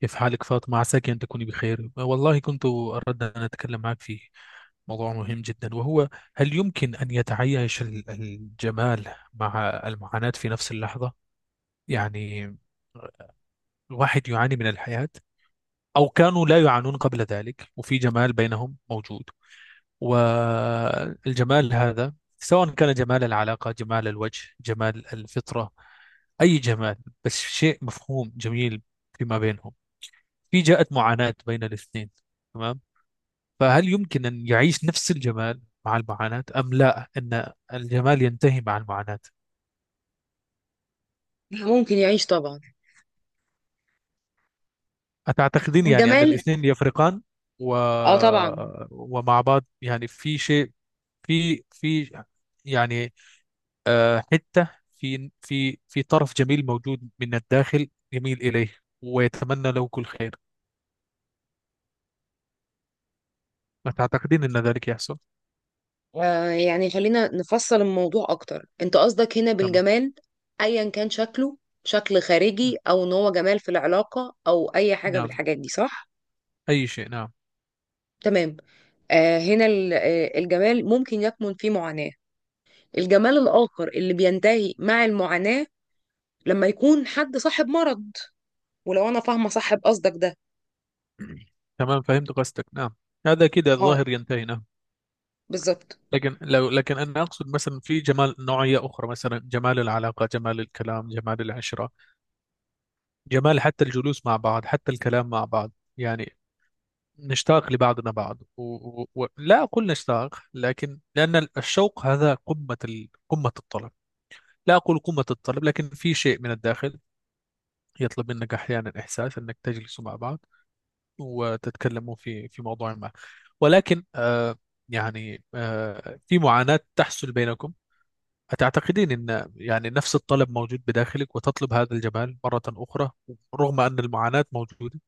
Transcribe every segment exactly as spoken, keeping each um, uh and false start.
كيف حالك فاطمة؟ عساك أن تكوني بخير. والله كنت أردت أن أتكلم معك في موضوع مهم جدا، وهو هل يمكن أن يتعايش ال- الجمال مع المعاناة في نفس اللحظة؟ يعني الواحد يعاني من الحياة، أو كانوا لا يعانون قبل ذلك وفي جمال بينهم موجود. والجمال هذا، سواء كان جمال العلاقة، جمال الوجه، جمال الفطرة، أي جمال، بس شيء مفهوم جميل فيما بينهم، في جاءت معاناة بين الاثنين، تمام؟ فهل يمكن أن يعيش نفس الجمال مع المعاناة، أم لا، أن الجمال ينتهي مع المعاناة؟ ممكن يعيش طبعا. أتعتقدين يعني أن والجمال الاثنين يفرقان؟ و... اه طبعا. ومع بعض يعني في شيء، في في يعني آه، حتة، في في في طرف جميل موجود من الداخل يميل إليه ويتمنى له كل خير. أتعتقدين أن ذلك يحصل؟ آه يعني خلينا نفصل الموضوع اكتر، انت قصدك هنا تمام. بالجمال ايا كان شكله، شكل خارجي او ان هو جمال في العلاقة او اي حاجة نعم، بالحاجات دي، صح؟ أي شيء، نعم. تمام. آه هنا ال- آه، الجمال ممكن يكمن فيه معاناة. الجمال الاخر اللي بينتهي مع المعاناة، لما يكون حد صاحب مرض. ولو انا فاهمة صاحب قصدك ده. تمام، فهمت قصدك، نعم. هذا كده اه الظاهر ينتهي، نعم. بالظبط. لكن لو، لكن أنا أقصد مثلا في جمال نوعية أخرى، مثلا جمال العلاقة، جمال الكلام، جمال العشرة، جمال حتى الجلوس مع بعض، حتى الكلام مع بعض، يعني نشتاق لبعضنا بعض و... و... و... لا أقول نشتاق، لكن لأن الشوق هذا قمة ال... قمة الطلب، لا أقول قمة الطلب، لكن في شيء من الداخل يطلب منك أحيانا إحساس أنك تجلس مع بعض وتتكلموا في في موضوع ما. ولكن آه، يعني آه، في معاناة تحصل بينكم. أتعتقدين أن يعني نفس الطلب موجود بداخلك وتطلب هذا الجمال مرة أخرى، رغم أن المعاناة موجودة؟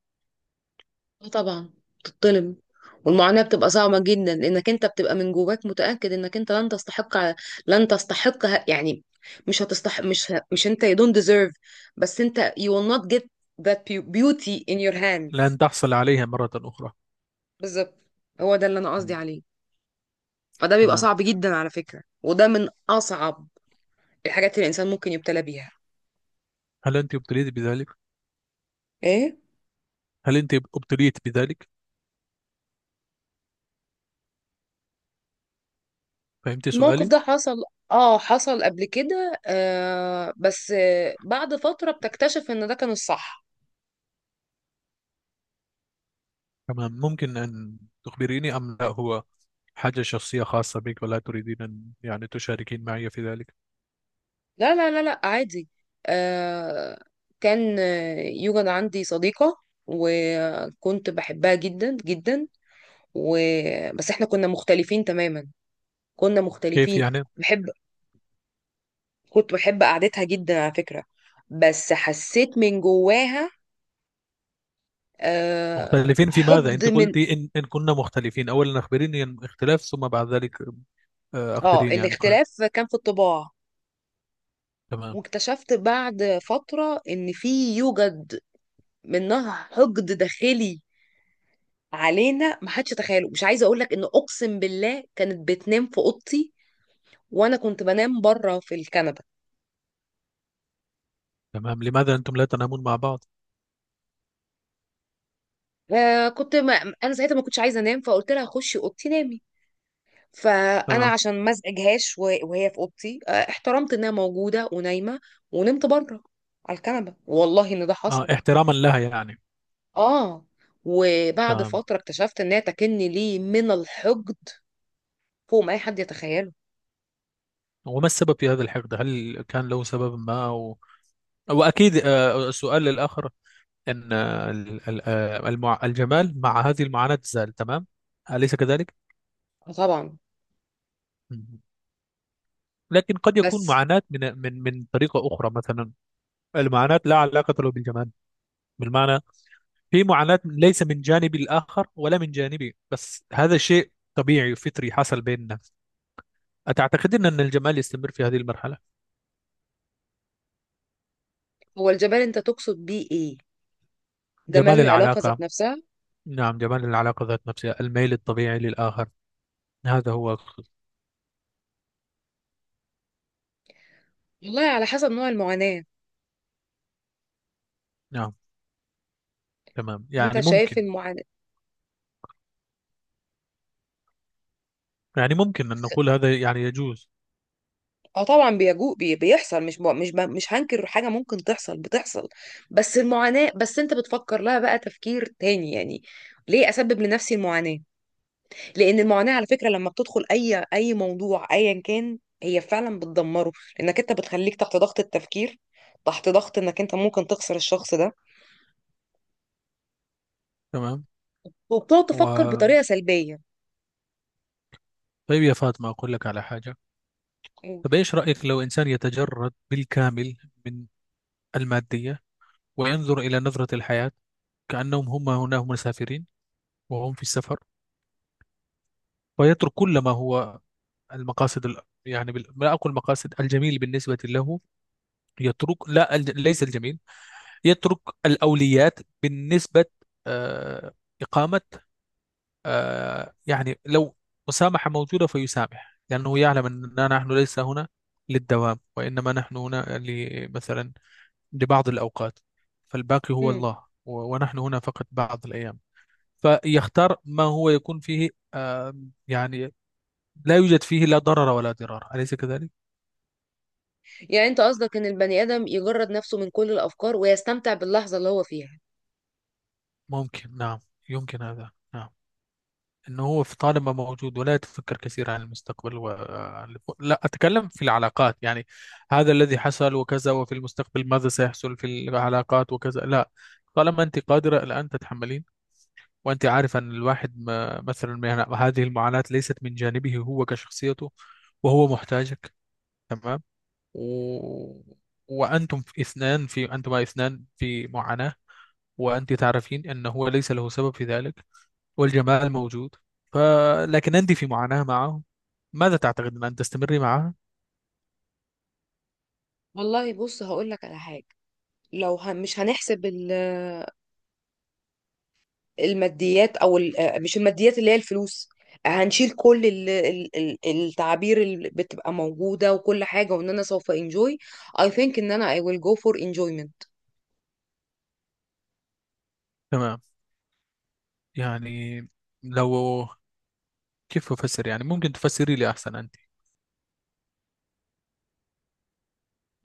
اه طبعا بتتظلم. والمعاناة بتبقى صعبة جدا، لأنك أنت بتبقى من جواك متأكد إنك أنت لن تستحق. لن تستحق ه- يعني مش هتستحق، مش ه- مش أنت you don't deserve، بس أنت you will not get that beau- beauty in your hands. لن تحصل عليها مرة أخرى. بالظبط. هو ده اللي أنا قصدي مم. عليه. فده بيبقى تمام. صعب جدا على فكرة، وده من أصعب الحاجات اللي الإنسان ممكن يبتلى بيها. هل أنت ابتليت بذلك؟ إيه؟ هل أنت ابتليت بذلك؟ فهمت الموقف سؤالي؟ ده حصل. اه حصل قبل كده، آه بس آه بعد فترة بتكتشف إن ده كان الصح. تمام. ممكن أن تخبريني أم لا، هو حاجة شخصية خاصة بك ولا تريدين أن يعني تشاركين معي في ذلك؟ لا لا لا لا عادي. آه كان آه، يوجد عندي صديقة، وكنت بحبها جدا جدا. و... بس احنا كنا مختلفين تماما، كنا كيف مختلفين. يعني؟ بحب كنت بحب قعدتها جدا على فكرة. بس حسيت من جواها آه مختلفين في ماذا؟ حقد انت من. قلتي ان ان كنا مختلفين، اولا اخبريني عن الاختلاف، ثم بعد ذلك آه، اه اخبريني عن قال. الاختلاف كان في الطباع. تمام. واكتشفت بعد فترة ان في يوجد منها حقد داخلي علينا ما حدش تخيله. مش عايزه اقول لك، ان اقسم بالله كانت بتنام في اوضتي وانا كنت بنام بره في الكنبه. تمام، لماذا انتم لا تنامون مع بعض؟ آه كنت، ما انا ساعتها ما كنتش عايزه انام، فقلت لها خشي اوضتي نامي. فانا تمام. عشان ما ازعجهاش وه- وهي في اوضتي آه احترمت انها موجوده ونايمه. ونمت بره على الكنبه، والله ان ده آه، حصل. احتراما لها يعني. اه. وبعد تمام. فتره اكتشفت انها تكني لي من الحقد فوق ما اي حد يتخيله. وما السبب في هذا الحقد؟ هل كان له سبب ما أو... واكيد آه، السؤال للاخر، ان آه، ال- ال- آه، المع... الجمال مع هذه المعاناة زال، تمام، اليس كذلك؟ آه طبعا. مم. لكن قد يكون بس معاناة من من من طريقة أخرى مثلا. المعاناة لا علاقة له بالجمال، بالمعنى في معاناة من- ليس من جانبي الآخر ولا من جانبي، بس هذا شيء طبيعي وفطري حصل بيننا. أتعتقدين أن الجمال يستمر في هذه المرحلة؟ هو الجمال انت تقصد بيه ايه؟ جمال جمال العلاقه ذات العلاقة. نفسها؟ نعم، جمال العلاقة ذات نفسها، الميل الطبيعي للآخر، هذا هو الخ- والله على حسب نوع المعاناة. نعم. تمام، انت يعني شايف ممكن. المعاناة. يعني ممكن أن نقول هذا، يعني يجوز. اه طبعا، بيجو بي- بيحصل. مش ب... مش ب... مش هنكر حاجة ممكن تحصل، بتحصل. بس المعاناة، بس انت بتفكر لها بقى تفكير تاني يعني. ليه اسبب لنفسي المعاناة؟ لان المعاناة على فكرة لما بتدخل اي اي موضوع ايا كان، هي فعلا بتدمره. لانك انت بتخليك تحت ضغط التفكير، تحت ضغط انك انت ممكن تخسر الشخص ده. تمام. وبتقعد تفكر و... بطريقة سلبية. طيب يا فاطمة، أقول لك على حاجة. قول. طب إيش رأيك لو إنسان يتجرد بالكامل من المادية، وينظر إلى نظرة الحياة كأنهم هم هنا مسافرين، وهم في السفر، ويترك كل ما هو المقاصد ال... يعني بال... لا أقول مقاصد الجميل بالنسبة له، يترك لا الج... ليس الجميل، يترك الأوليات بالنسبة، آه... إقامة، آه... يعني لو مسامحة موجودة فيسامح، لأنه يعلم أننا نحن ليس هنا للدوام، وإنما نحن هنا ل... مثلا لبعض الأوقات، فالباقي هو مم. الله و... ونحن هنا فقط بعض الأيام. فيختار ما هو يكون فيه آه... يعني لا يوجد فيه لا ضرر ولا ضرار، أليس كذلك؟ يعني انت قصدك ان البني ادم يجرد نفسه من كل الافكار ويستمتع باللحظه اللي هو فيها؟ ممكن، نعم. يمكن هذا، نعم. أنه هو في طالما موجود ولا يتفكر كثير عن المستقبل و... آه، لا أتكلم في العلاقات يعني، هذا الذي حصل وكذا، وفي المستقبل ماذا سيحصل في العلاقات وكذا، لا. طالما أنت قادرة الآن تتحملين، وأنت عارفة أن الواحد ما... مثلا ما- يعني هذه المعاناة ليست من جانبه هو كشخصيته، وهو محتاجك، تمام، و... وأنتم في اثنان، في أنتما اثنان في معاناة، وأنت تعرفين أنه هو ليس له سبب في ذلك، والجمال موجود، ف... لكن أنت في معاناة معه. ماذا تعتقد أن تستمري معها؟ والله بص هقول لك على حاجة. لو هن مش هنحسب ال- الماديات، او ال- آه، مش الماديات اللي هي الفلوس، هنشيل كل ال- ال- ال- التعابير اللي بتبقى موجودة وكل حاجة، وان انا سوف انجوي. I think ان انا I will go for enjoyment. تمام، يعني لو، كيف أفسر؟ يعني ممكن تفسري لي أحسن أنت.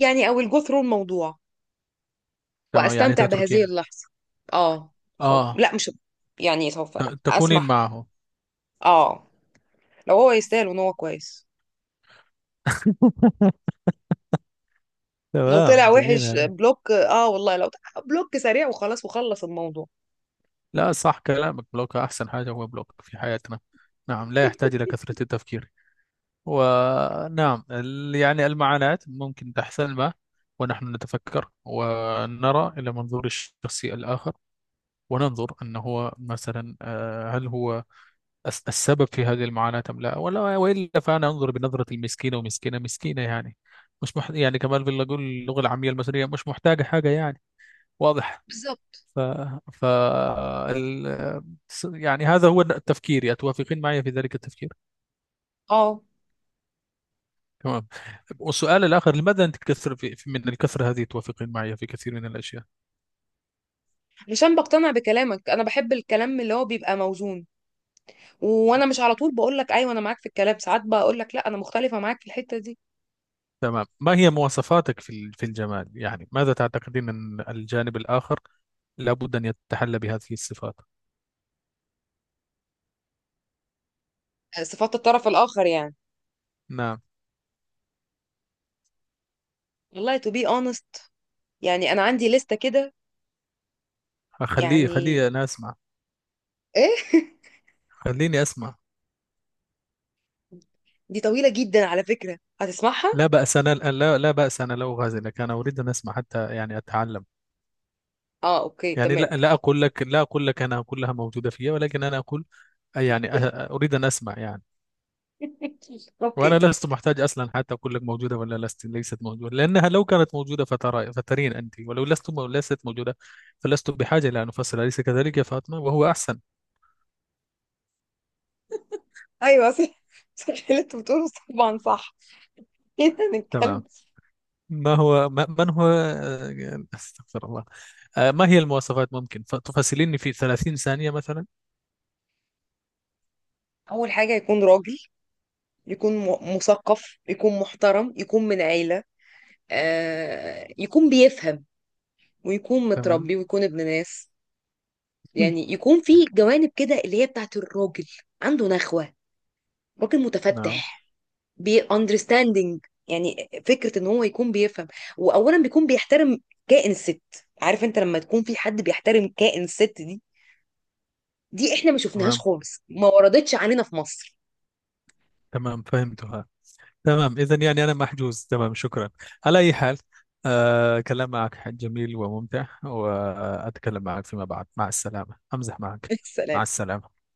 يعني I will go through الموضوع تمام يعني واستمتع بهذه تتركين، اللحظة. اه. سوف آه، لا مش يعني سوف ت... تكونين اسمح. معه. اه لو هو يستاهل وان هو كويس. لو طلع تمام، جميل وحش هذا. بلوك. اه والله لو طلع بلوك سريع وخلاص وخلص الموضوع. لا، صح كلامك، بلوك أحسن حاجة، هو بلوك في حياتنا. نعم، لا يحتاج إلى كثرة التفكير. ونعم ال- يعني المعاناة ممكن تحصلنا، ونحن نتفكر ونرى إلى منظور الشخص الآخر، وننظر أنه هو مثلا، آه، هل هو الس- السبب في هذه المعاناة، أم لا، ولا وإلا فأنا أنظر بنظرة المسكينة ومسكينة مسكينة، يعني مش مح... يعني كمان في، أقول اللغة العامية المصرية مش محتاجة حاجة يعني، واضح. بالظبط. ف... ف... ال... يعني هذا هو التفكير، أتوافقين معي في ذلك التفكير؟ اه تمام. والسؤال الآخر، لماذا أنت تكثر في في- من الكثرة هذه، توافقين معي في كثير من الأشياء؟ عشان بقتنع بكلامك. انا بحب الكلام اللي هو بيبقى موزون، وانا مش على طول بقول لك ايوه انا معاك في الكلام، ساعات بقول لك لا انا مختلفه معاك في الحته دي. تمام. ما هي مواصفاتك في ال- في الجمال؟ يعني ماذا تعتقدين أن الجانب الآخر لابد أن يتحلى بهذه الصفات؟ صفات الطرف الاخر يعني. نعم. والله to be honest، يعني انا عندي لستة كده. خليه خليه يعني أنا أسمع. ايه. خليني أسمع. دي طويله جدا على فكره، هتسمعها؟ لا بأس، أنا لا، لا بأس، أنا لا أغازلك، أنا أريد أن أسمع حتى يعني أتعلم. اه اوكي يعني لا، تمام. لا أقول لك، لا أقول لك أنا كلها موجودة فيا، ولكن أنا أقول يعني أ- أ- أريد أن أسمع يعني. وأنا اوكي. لست محتاج أصلا حتى أقول لك موجودة ولا لست ليست موجودة، لأنها لو كانت موجودة فترى فترين أنت، ولو لست مو- ليست موجودة، فلست بحاجة إلى أن أفصل، أليس كذلك يا فاطمة؟ وهو أحسن. ايوه صح. صح اللي انت بتقوله طبعا صح. كده هنتكلم. تمام. ما هو؟ ما من هو آه، أستغفر الله. آه، ما هي المواصفات؟ ممكن ف- تفصليني في ثلاثين ثانية مثلا؟ اول حاجه يكون راجل، يكون م- مثقف، يكون محترم، يكون من عيله. آه يكون بيفهم، ويكون تمام. متربي، ويكون ابن ناس. يعني يكون في جوانب كده اللي هي بتاعت الراجل. عنده نخوه. راجل نعم. متفتح. بي understanding. يعني فكره ان هو يكون بيفهم، واولا بيكون بيحترم كائن الست. عارف انت لما تكون في حد بيحترم كائن الست دي؟ دي احنا ما شفناهاش تمام. خالص، ما وردتش علينا في مصر. تمام، فهمتها. تمام، إذا يعني أنا محجوز، تمام، شكرا. على أي حال، آه، كلام معك جميل وممتع، وأتكلم معك فيما بعد، مع السلامة. أمزح معك. مع السلام. السلامة.